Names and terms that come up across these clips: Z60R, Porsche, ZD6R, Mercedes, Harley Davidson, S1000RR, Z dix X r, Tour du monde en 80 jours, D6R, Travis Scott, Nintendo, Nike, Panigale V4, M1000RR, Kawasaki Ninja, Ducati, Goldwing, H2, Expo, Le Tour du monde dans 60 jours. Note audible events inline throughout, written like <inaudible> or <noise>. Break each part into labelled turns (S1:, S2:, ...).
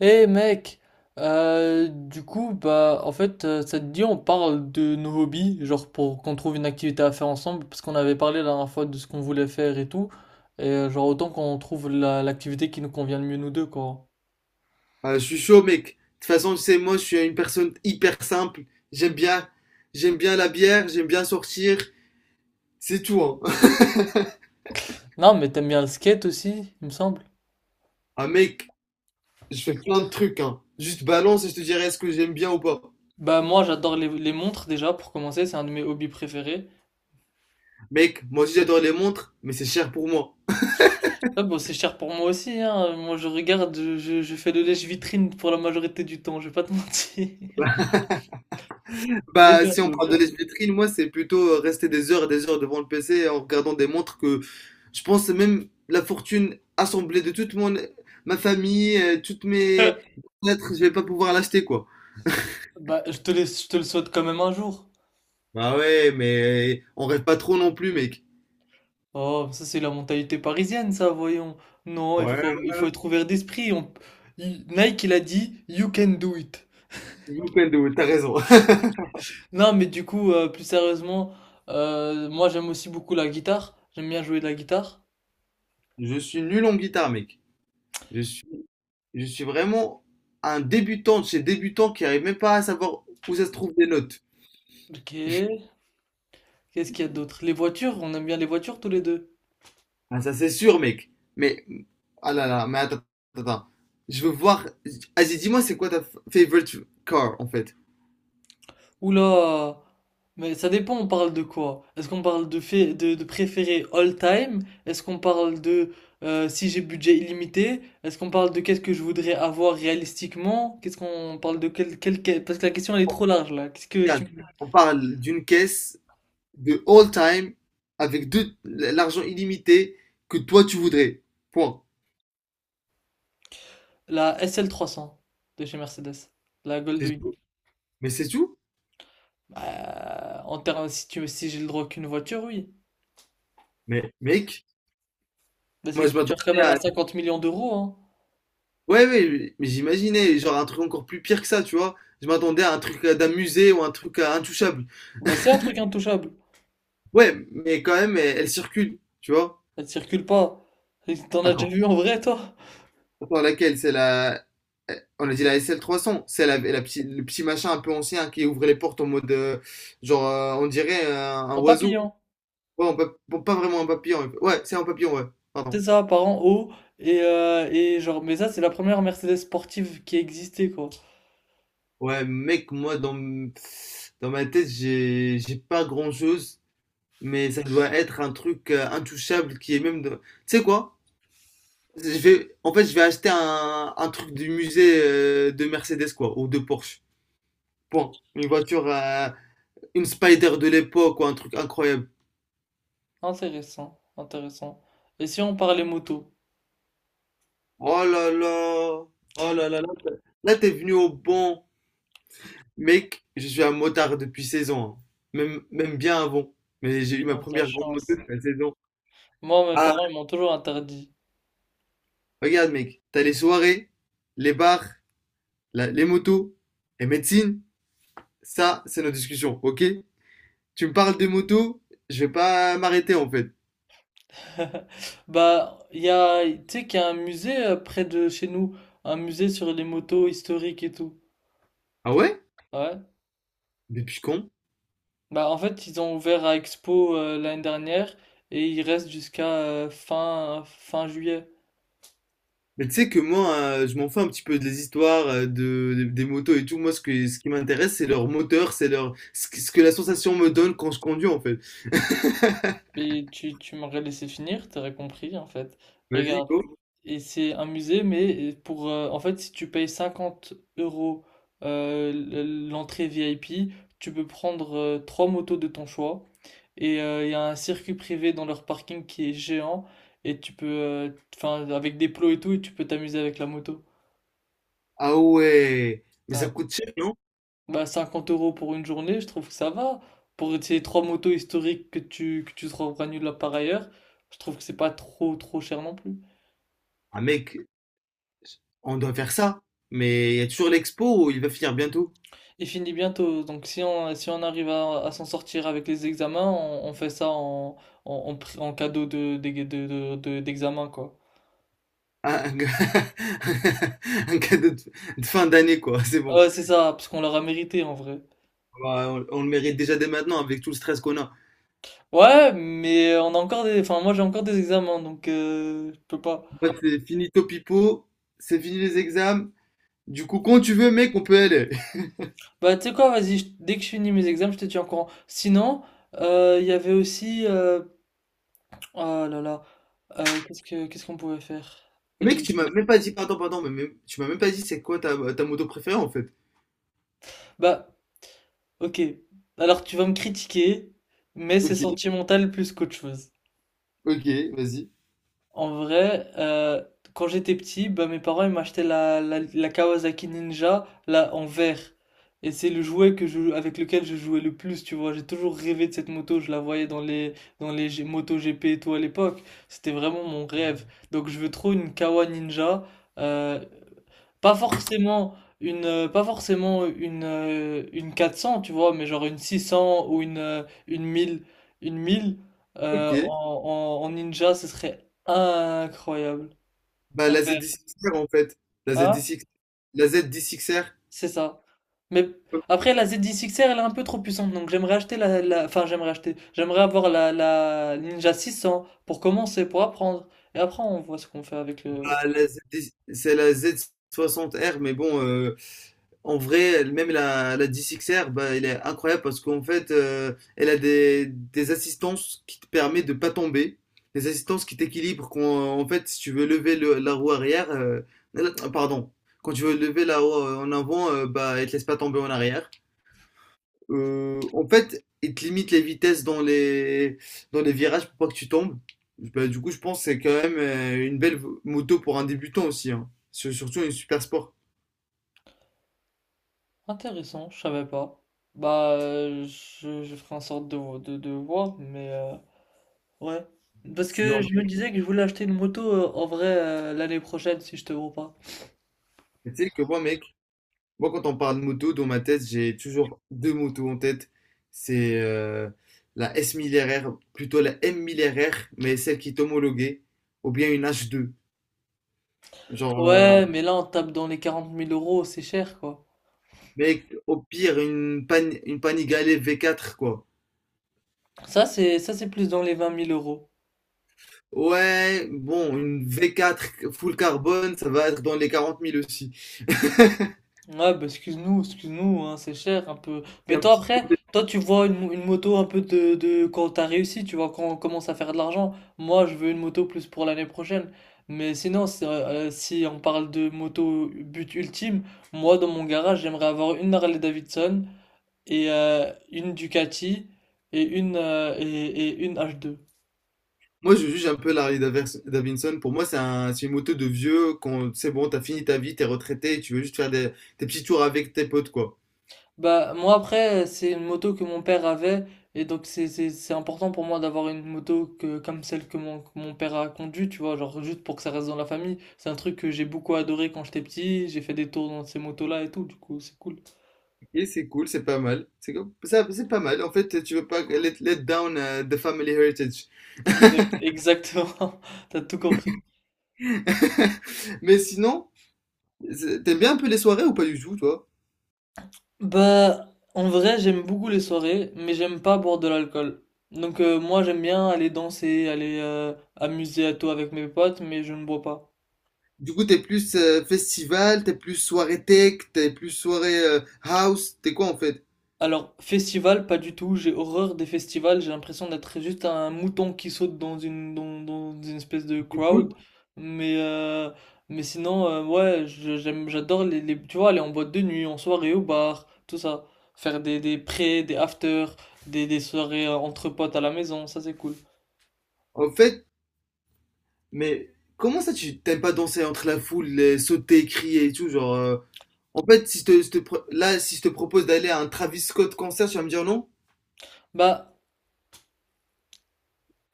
S1: Eh mec, du coup, bah, en fait, ça te dit, on parle de nos hobbies, genre pour qu'on trouve une activité à faire ensemble, parce qu'on avait parlé la dernière fois de ce qu'on voulait faire et tout, et genre autant qu'on trouve l'activité qui nous convient le mieux nous deux, quoi.
S2: Ah, je suis chaud, mec. De toute façon, tu sais, moi, je suis une personne hyper simple. J'aime bien, j'aime bien la bière, j'aime bien sortir. C'est tout, hein. <laughs>
S1: Non, mais t'aimes bien le skate aussi, il me semble.
S2: Ah, mec, je fais plein de trucs, hein. Juste balance et je te dirai est-ce que j'aime bien ou pas.
S1: Bah moi, j'adore les montres déjà, pour commencer, c'est un de mes hobbies préférés.
S2: Mec, moi aussi, j'adore les montres, mais c'est cher pour moi.
S1: Là, bon, c'est cher pour moi aussi, hein. Moi, je regarde, je fais le lèche-vitrine pour la majorité du temps, je vais pas te <laughs> mentir. Mais
S2: Bah, si on
S1: bientôt,
S2: parle de
S1: bientôt.
S2: l'espiétrine, moi, c'est plutôt rester des heures et des heures devant le PC en regardant des montres que je pense même la fortune assemblée de toute ma famille, toutes mes
S1: <laughs>
S2: lettres, je vais pas pouvoir l'acheter, quoi.
S1: Bah, je te laisse, je te le souhaite quand même un jour.
S2: Bah ouais, mais on rêve pas trop non plus, mec.
S1: Oh, ça c'est la mentalité parisienne, ça, voyons. Non,
S2: Ouais,
S1: il faut
S2: ouais,
S1: être ouvert d'esprit. Nike, il a dit, You can do it.
S2: Nintendo, t'as raison. <laughs>
S1: Non, mais du coup, plus sérieusement, moi j'aime aussi beaucoup la guitare. J'aime bien jouer de la guitare.
S2: Je suis nul en guitare, mec. Je suis, je suis vraiment un débutant de chez débutant qui arrive même pas à savoir où ça se trouve des notes.
S1: Ok. Qu'est-ce qu'il y a d'autre? Les voitures, on aime bien les voitures tous les deux.
S2: Ah, ça c'est sûr, mec. Mais, ah là là, mais attends, attends, attends. Je veux voir. Vas-y, dis-moi, c'est quoi ta favorite car, en fait?
S1: Oula! Mais ça dépend, on parle de quoi? Est-ce qu'on parle fait, de préféré all time? Est-ce qu'on parle de si j'ai budget illimité? Est-ce qu'on parle de qu'est-ce que je voudrais avoir réalistiquement? Qu'est-ce qu'on parle de Parce que la question elle est trop large là. Qu'est-ce que tu...
S2: Regarde, on parle d'une caisse de all time avec de l'argent illimité que toi tu voudrais. Point.
S1: La sl cents de chez Mercedes. La
S2: C'est
S1: Goldwing.
S2: tout. Mais c'est tout?
S1: Bah, en termes, si j'ai le droit qu'une voiture, oui.
S2: Mais mec,
S1: Bah, c'est
S2: moi
S1: une
S2: je
S1: voiture quand
S2: m'attendais
S1: même
S2: à.
S1: à 50 millions d'euros, hein.
S2: Ouais, ouais, mais j'imaginais, genre un truc encore plus pire que ça, tu vois. Je m'attendais à un truc d'un musée ou un truc intouchable.
S1: Bah, c'est un truc intouchable.
S2: Ouais, mais quand même, elle circule, tu vois.
S1: Elle circule pas. T'en as déjà
S2: Attends,
S1: vu en vrai, toi?
S2: attends, laquelle? C'est la. eh, On a dit la sl cents. C'est le petit machin un peu ancien qui ouvrait les portes en mode. Genre, on dirait un
S1: En
S2: oiseau.
S1: papillon,
S2: Ouais, on peut, bon, pas vraiment un papillon. Ouais, c'est un papillon, ouais.
S1: c'est
S2: Pardon.
S1: ça, par en haut. Et genre, mais ça, c'est la première Mercedes sportive qui existait, quoi.
S2: Ouais, mec, moi, dans ma tête, j'ai pas grand-chose. Mais ça doit être un truc intouchable qui est même. Tu sais quoi? En fait, je vais acheter un truc du musée de Mercedes, quoi. Ou de Porsche. Point. Une voiture. Une Spider de l'époque ou un truc incroyable.
S1: Intéressant, intéressant. Et si on parlait moto?
S2: Oh là là! Oh là là là! Là, t'es venu au bon. Mec, je suis un motard depuis 16 ans, hein. Même, même bien avant. Mais j'ai eu ma
S1: Putain, de la
S2: première grande moto
S1: chance.
S2: à 16 ans.
S1: Moi, mes
S2: Ah,
S1: parents, ils m'ont toujours interdit.
S2: regarde, mec. T'as les soirées, les bars, les motos et médecine. Ça, c'est notre discussion, ok? Tu me parles des motos, je vais pas m'arrêter en fait.
S1: <laughs> Bah, il y a, tu sais qu'il y a un musée près de chez nous, un musée sur les motos historiques et tout.
S2: Ah ouais?
S1: Ouais.
S2: Depuis quand?
S1: Bah, en fait, ils ont ouvert à Expo l'année dernière et il reste jusqu'à fin juillet.
S2: Mais tu sais que moi, je m'en fous un petit peu des histoires des motos et tout. Moi, ce qui m'intéresse, c'est leur moteur, c'est leur, ce que la sensation me donne quand je conduis, en fait.
S1: Mais tu m'aurais laissé finir, t'aurais compris en fait.
S2: Vas-y,
S1: Regarde,
S2: go.
S1: et c'est un musée, mais pour en fait, si tu payes 50 € l'entrée VIP, tu peux prendre trois motos de ton choix. Et il y a un circuit privé dans leur parking qui est géant. Et tu peux, enfin, avec des plots et tout, et tu peux t'amuser avec la moto.
S2: Ah ouais. Mais ça
S1: Ouais.
S2: coûte cher, non?
S1: Bah, 50 € pour une journée, je trouve que ça va. Pour ces trois motos historiques que que tu trouveras nulle part ailleurs, je trouve que c'est pas trop cher non plus.
S2: Ah mec, on doit faire ça. Mais il y a toujours l'expo où il va finir bientôt.
S1: Il finit bientôt, donc si on arrive à s'en sortir avec les examens, on fait ça en cadeau d'examen, quoi.
S2: Ah, <laughs> un cadeau de fin d'année, quoi. <laughs> C'est bon.
S1: Ouais, c'est ça, parce qu'on l'aura mérité en vrai.
S2: Bah, on le mérite déjà dès maintenant avec tout le stress qu'on a.
S1: Ouais, mais on a encore des... Enfin, moi j'ai encore des examens, donc je peux pas.
S2: Moi, c'est fini Topipo, c'est fini les examens. Du coup, quand tu veux, mec, on peut aller.
S1: Bah, tu sais quoi, vas-y, dès que je finis mes examens, je te tiens au courant. Sinon, il y avait aussi... Oh là là, qu'est-ce qu'on pouvait faire? J'ai
S2: Mec, tu m'as
S1: oublié.
S2: même pas dit, pardon, pardon, mais tu m'as même pas dit c'est quoi ta moto préférée en fait.
S1: Bah, Ok, alors tu vas me critiquer, mais c'est
S2: Ok,
S1: sentimental plus qu'autre chose.
S2: ok, vas-y.
S1: En vrai, quand j'étais petit, bah, mes parents ils m'achetaient la Kawasaki Ninja là, en vert. Et c'est le jouet avec lequel je jouais le plus, tu vois. J'ai toujours rêvé de cette moto, je la voyais dans dans les motos GP et tout à l'époque. C'était vraiment mon rêve. Donc je veux trop une Kawa Ninja. Euh, pas forcément pas forcément une 400 tu vois? Mais genre une 600 ou une mille. Une 1000
S2: Ok.
S1: en en ninja, ce serait incroyable.
S2: Bah
S1: En
S2: la
S1: vert.
S2: ZD6R en fait. La
S1: Ah,
S2: ZD6, la ZD6R.
S1: c'est ça. Mais après la ZX10R elle est un peu trop puissante, donc j'aimerais acheter la la enfin j'aimerais acheter, j'aimerais avoir la la Ninja 600 pour commencer, pour apprendre et après on voit ce qu'on fait avec le.
S2: Bah, c'est la Z60R, mais bon, en vrai, même la D6R, bah, elle est incroyable parce qu'en fait, elle a des assistances qui te permettent de pas tomber, des assistances qui t'équilibrent quand, en fait, si tu veux lever la roue arrière, pardon, quand tu veux lever la roue en avant, bah, elle te laisse pas tomber en arrière. En fait, il te limite les vitesses dans les virages pour pas que tu tombes. Bah, du coup, je pense que c'est quand même une belle moto pour un débutant aussi, hein. Surtout une super sport.
S1: Intéressant, je savais pas. Bah, je ferai en sorte de voir, mais ouais. Parce que
S2: Sinon,
S1: je me disais que je voulais acheter une moto en vrai l'année prochaine si je te vois pas.
S2: mais tu sais que moi, mec, moi, quand on parle de moto, dans ma tête, j'ai toujours deux motos en tête. C'est la S1000RR, plutôt la M1000RR, mais celle qui est homologuée, ou bien une H2. Genre,
S1: Ouais, mais là on tape dans les quarante mille euros, c'est cher quoi.
S2: mec, au pire, une Panigale V4, quoi.
S1: Ça c'est plus dans les vingt mille euros.
S2: Ouais, bon, une V4 full carbone, ça va être dans les 40 000 aussi. <laughs> C'est
S1: Ouais, bah excuse-nous, excuse-nous, hein, c'est cher un peu. Mais
S2: un
S1: toi
S2: petit-
S1: après, toi tu vois une moto un peu de quand t'as réussi, tu vois, quand on commence à faire de l'argent. Moi, je veux une moto plus pour l'année prochaine. Mais sinon, c'est, si on parle de moto but ultime, moi dans mon garage, j'aimerais avoir une Harley Davidson et une Ducati et une H2.
S2: Moi, je juge un peu l'Harley Davidson. Pour moi, c'est une moto de vieux. Quand c'est bon, t'as fini ta vie, t'es retraité, et tu veux juste faire des petits tours avec tes potes, quoi.
S1: Bah, moi après, c'est une moto que mon père avait, et donc c'est important pour moi d'avoir comme celle que mon père a conduite, tu vois, genre juste pour que ça reste dans la famille. C'est un truc que j'ai beaucoup adoré quand j'étais petit, j'ai fait des tours dans ces motos-là et tout, du coup c'est cool.
S2: Et c'est cool, c'est pas mal. C'est ça, c'est pas mal. En fait, tu veux pas let down the family heritage.
S1: Exact, exactement, <laughs> t'as tout compris.
S2: <laughs> Mais sinon, t'aimes bien un peu les soirées ou pas du tout, toi?
S1: Bah, en vrai, j'aime beaucoup les soirées, mais j'aime pas boire de l'alcool. Donc moi j'aime bien aller danser, aller amuser à tout avec mes potes, mais je ne bois pas.
S2: Du coup, t'es plus festival, t'es plus soirée tech, t'es plus soirée house, t'es quoi en fait?
S1: Alors, festival, pas du tout. J'ai horreur des festivals. J'ai l'impression d'être juste un mouton qui saute dans dans une espèce de
S2: Du
S1: crowd.
S2: coup,
S1: Mais, euh, mais sinon, ouais, j'aime, j'adore tu vois, aller en boîte de nuit, en soirée au bar, tout ça. Faire des pré, des after, des soirées entre potes à la maison, ça c'est cool.
S2: en fait, mais comment ça tu t'aimes pas danser entre la foule, les sauter, crier et tout, genre en fait, si je te, je te pro- là, si je te propose d'aller à un Travis Scott concert, tu vas me dire non?
S1: Bah,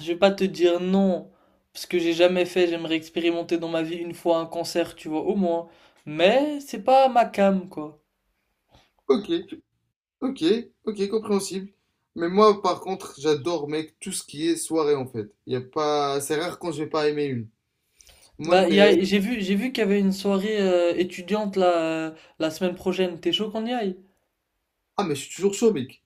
S1: je vais pas te dire non, parce que j'ai jamais fait. J'aimerais expérimenter dans ma vie une fois un concert, tu vois, au moins. Mais c'est pas ma cam, quoi.
S2: Ok, ok, ok, compréhensible. Mais moi, par contre, j'adore, mec, tout ce qui est soirée, en fait. Y a pas... C'est rare quand je vais pas aimer une. Moi,
S1: Bah,
S2: c'est.
S1: j'ai vu qu'il y avait une soirée étudiante la semaine prochaine. T'es chaud qu'on y aille?
S2: Ah, mais je suis toujours chaud, mec.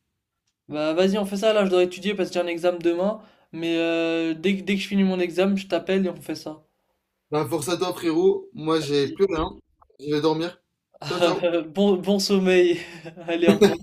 S1: Bah, vas-y, on fait ça. Là, je dois étudier parce que j'ai un examen demain. Mais dès que je finis mon examen, je t'appelle et on fait ça.
S2: Ben, force à toi, frérot. Moi, j'ai
S1: Vas-y.
S2: plus rien. Je vais dormir. Ciao, ciao.
S1: <laughs> Bon, bon sommeil. <laughs> Allez, au revoir.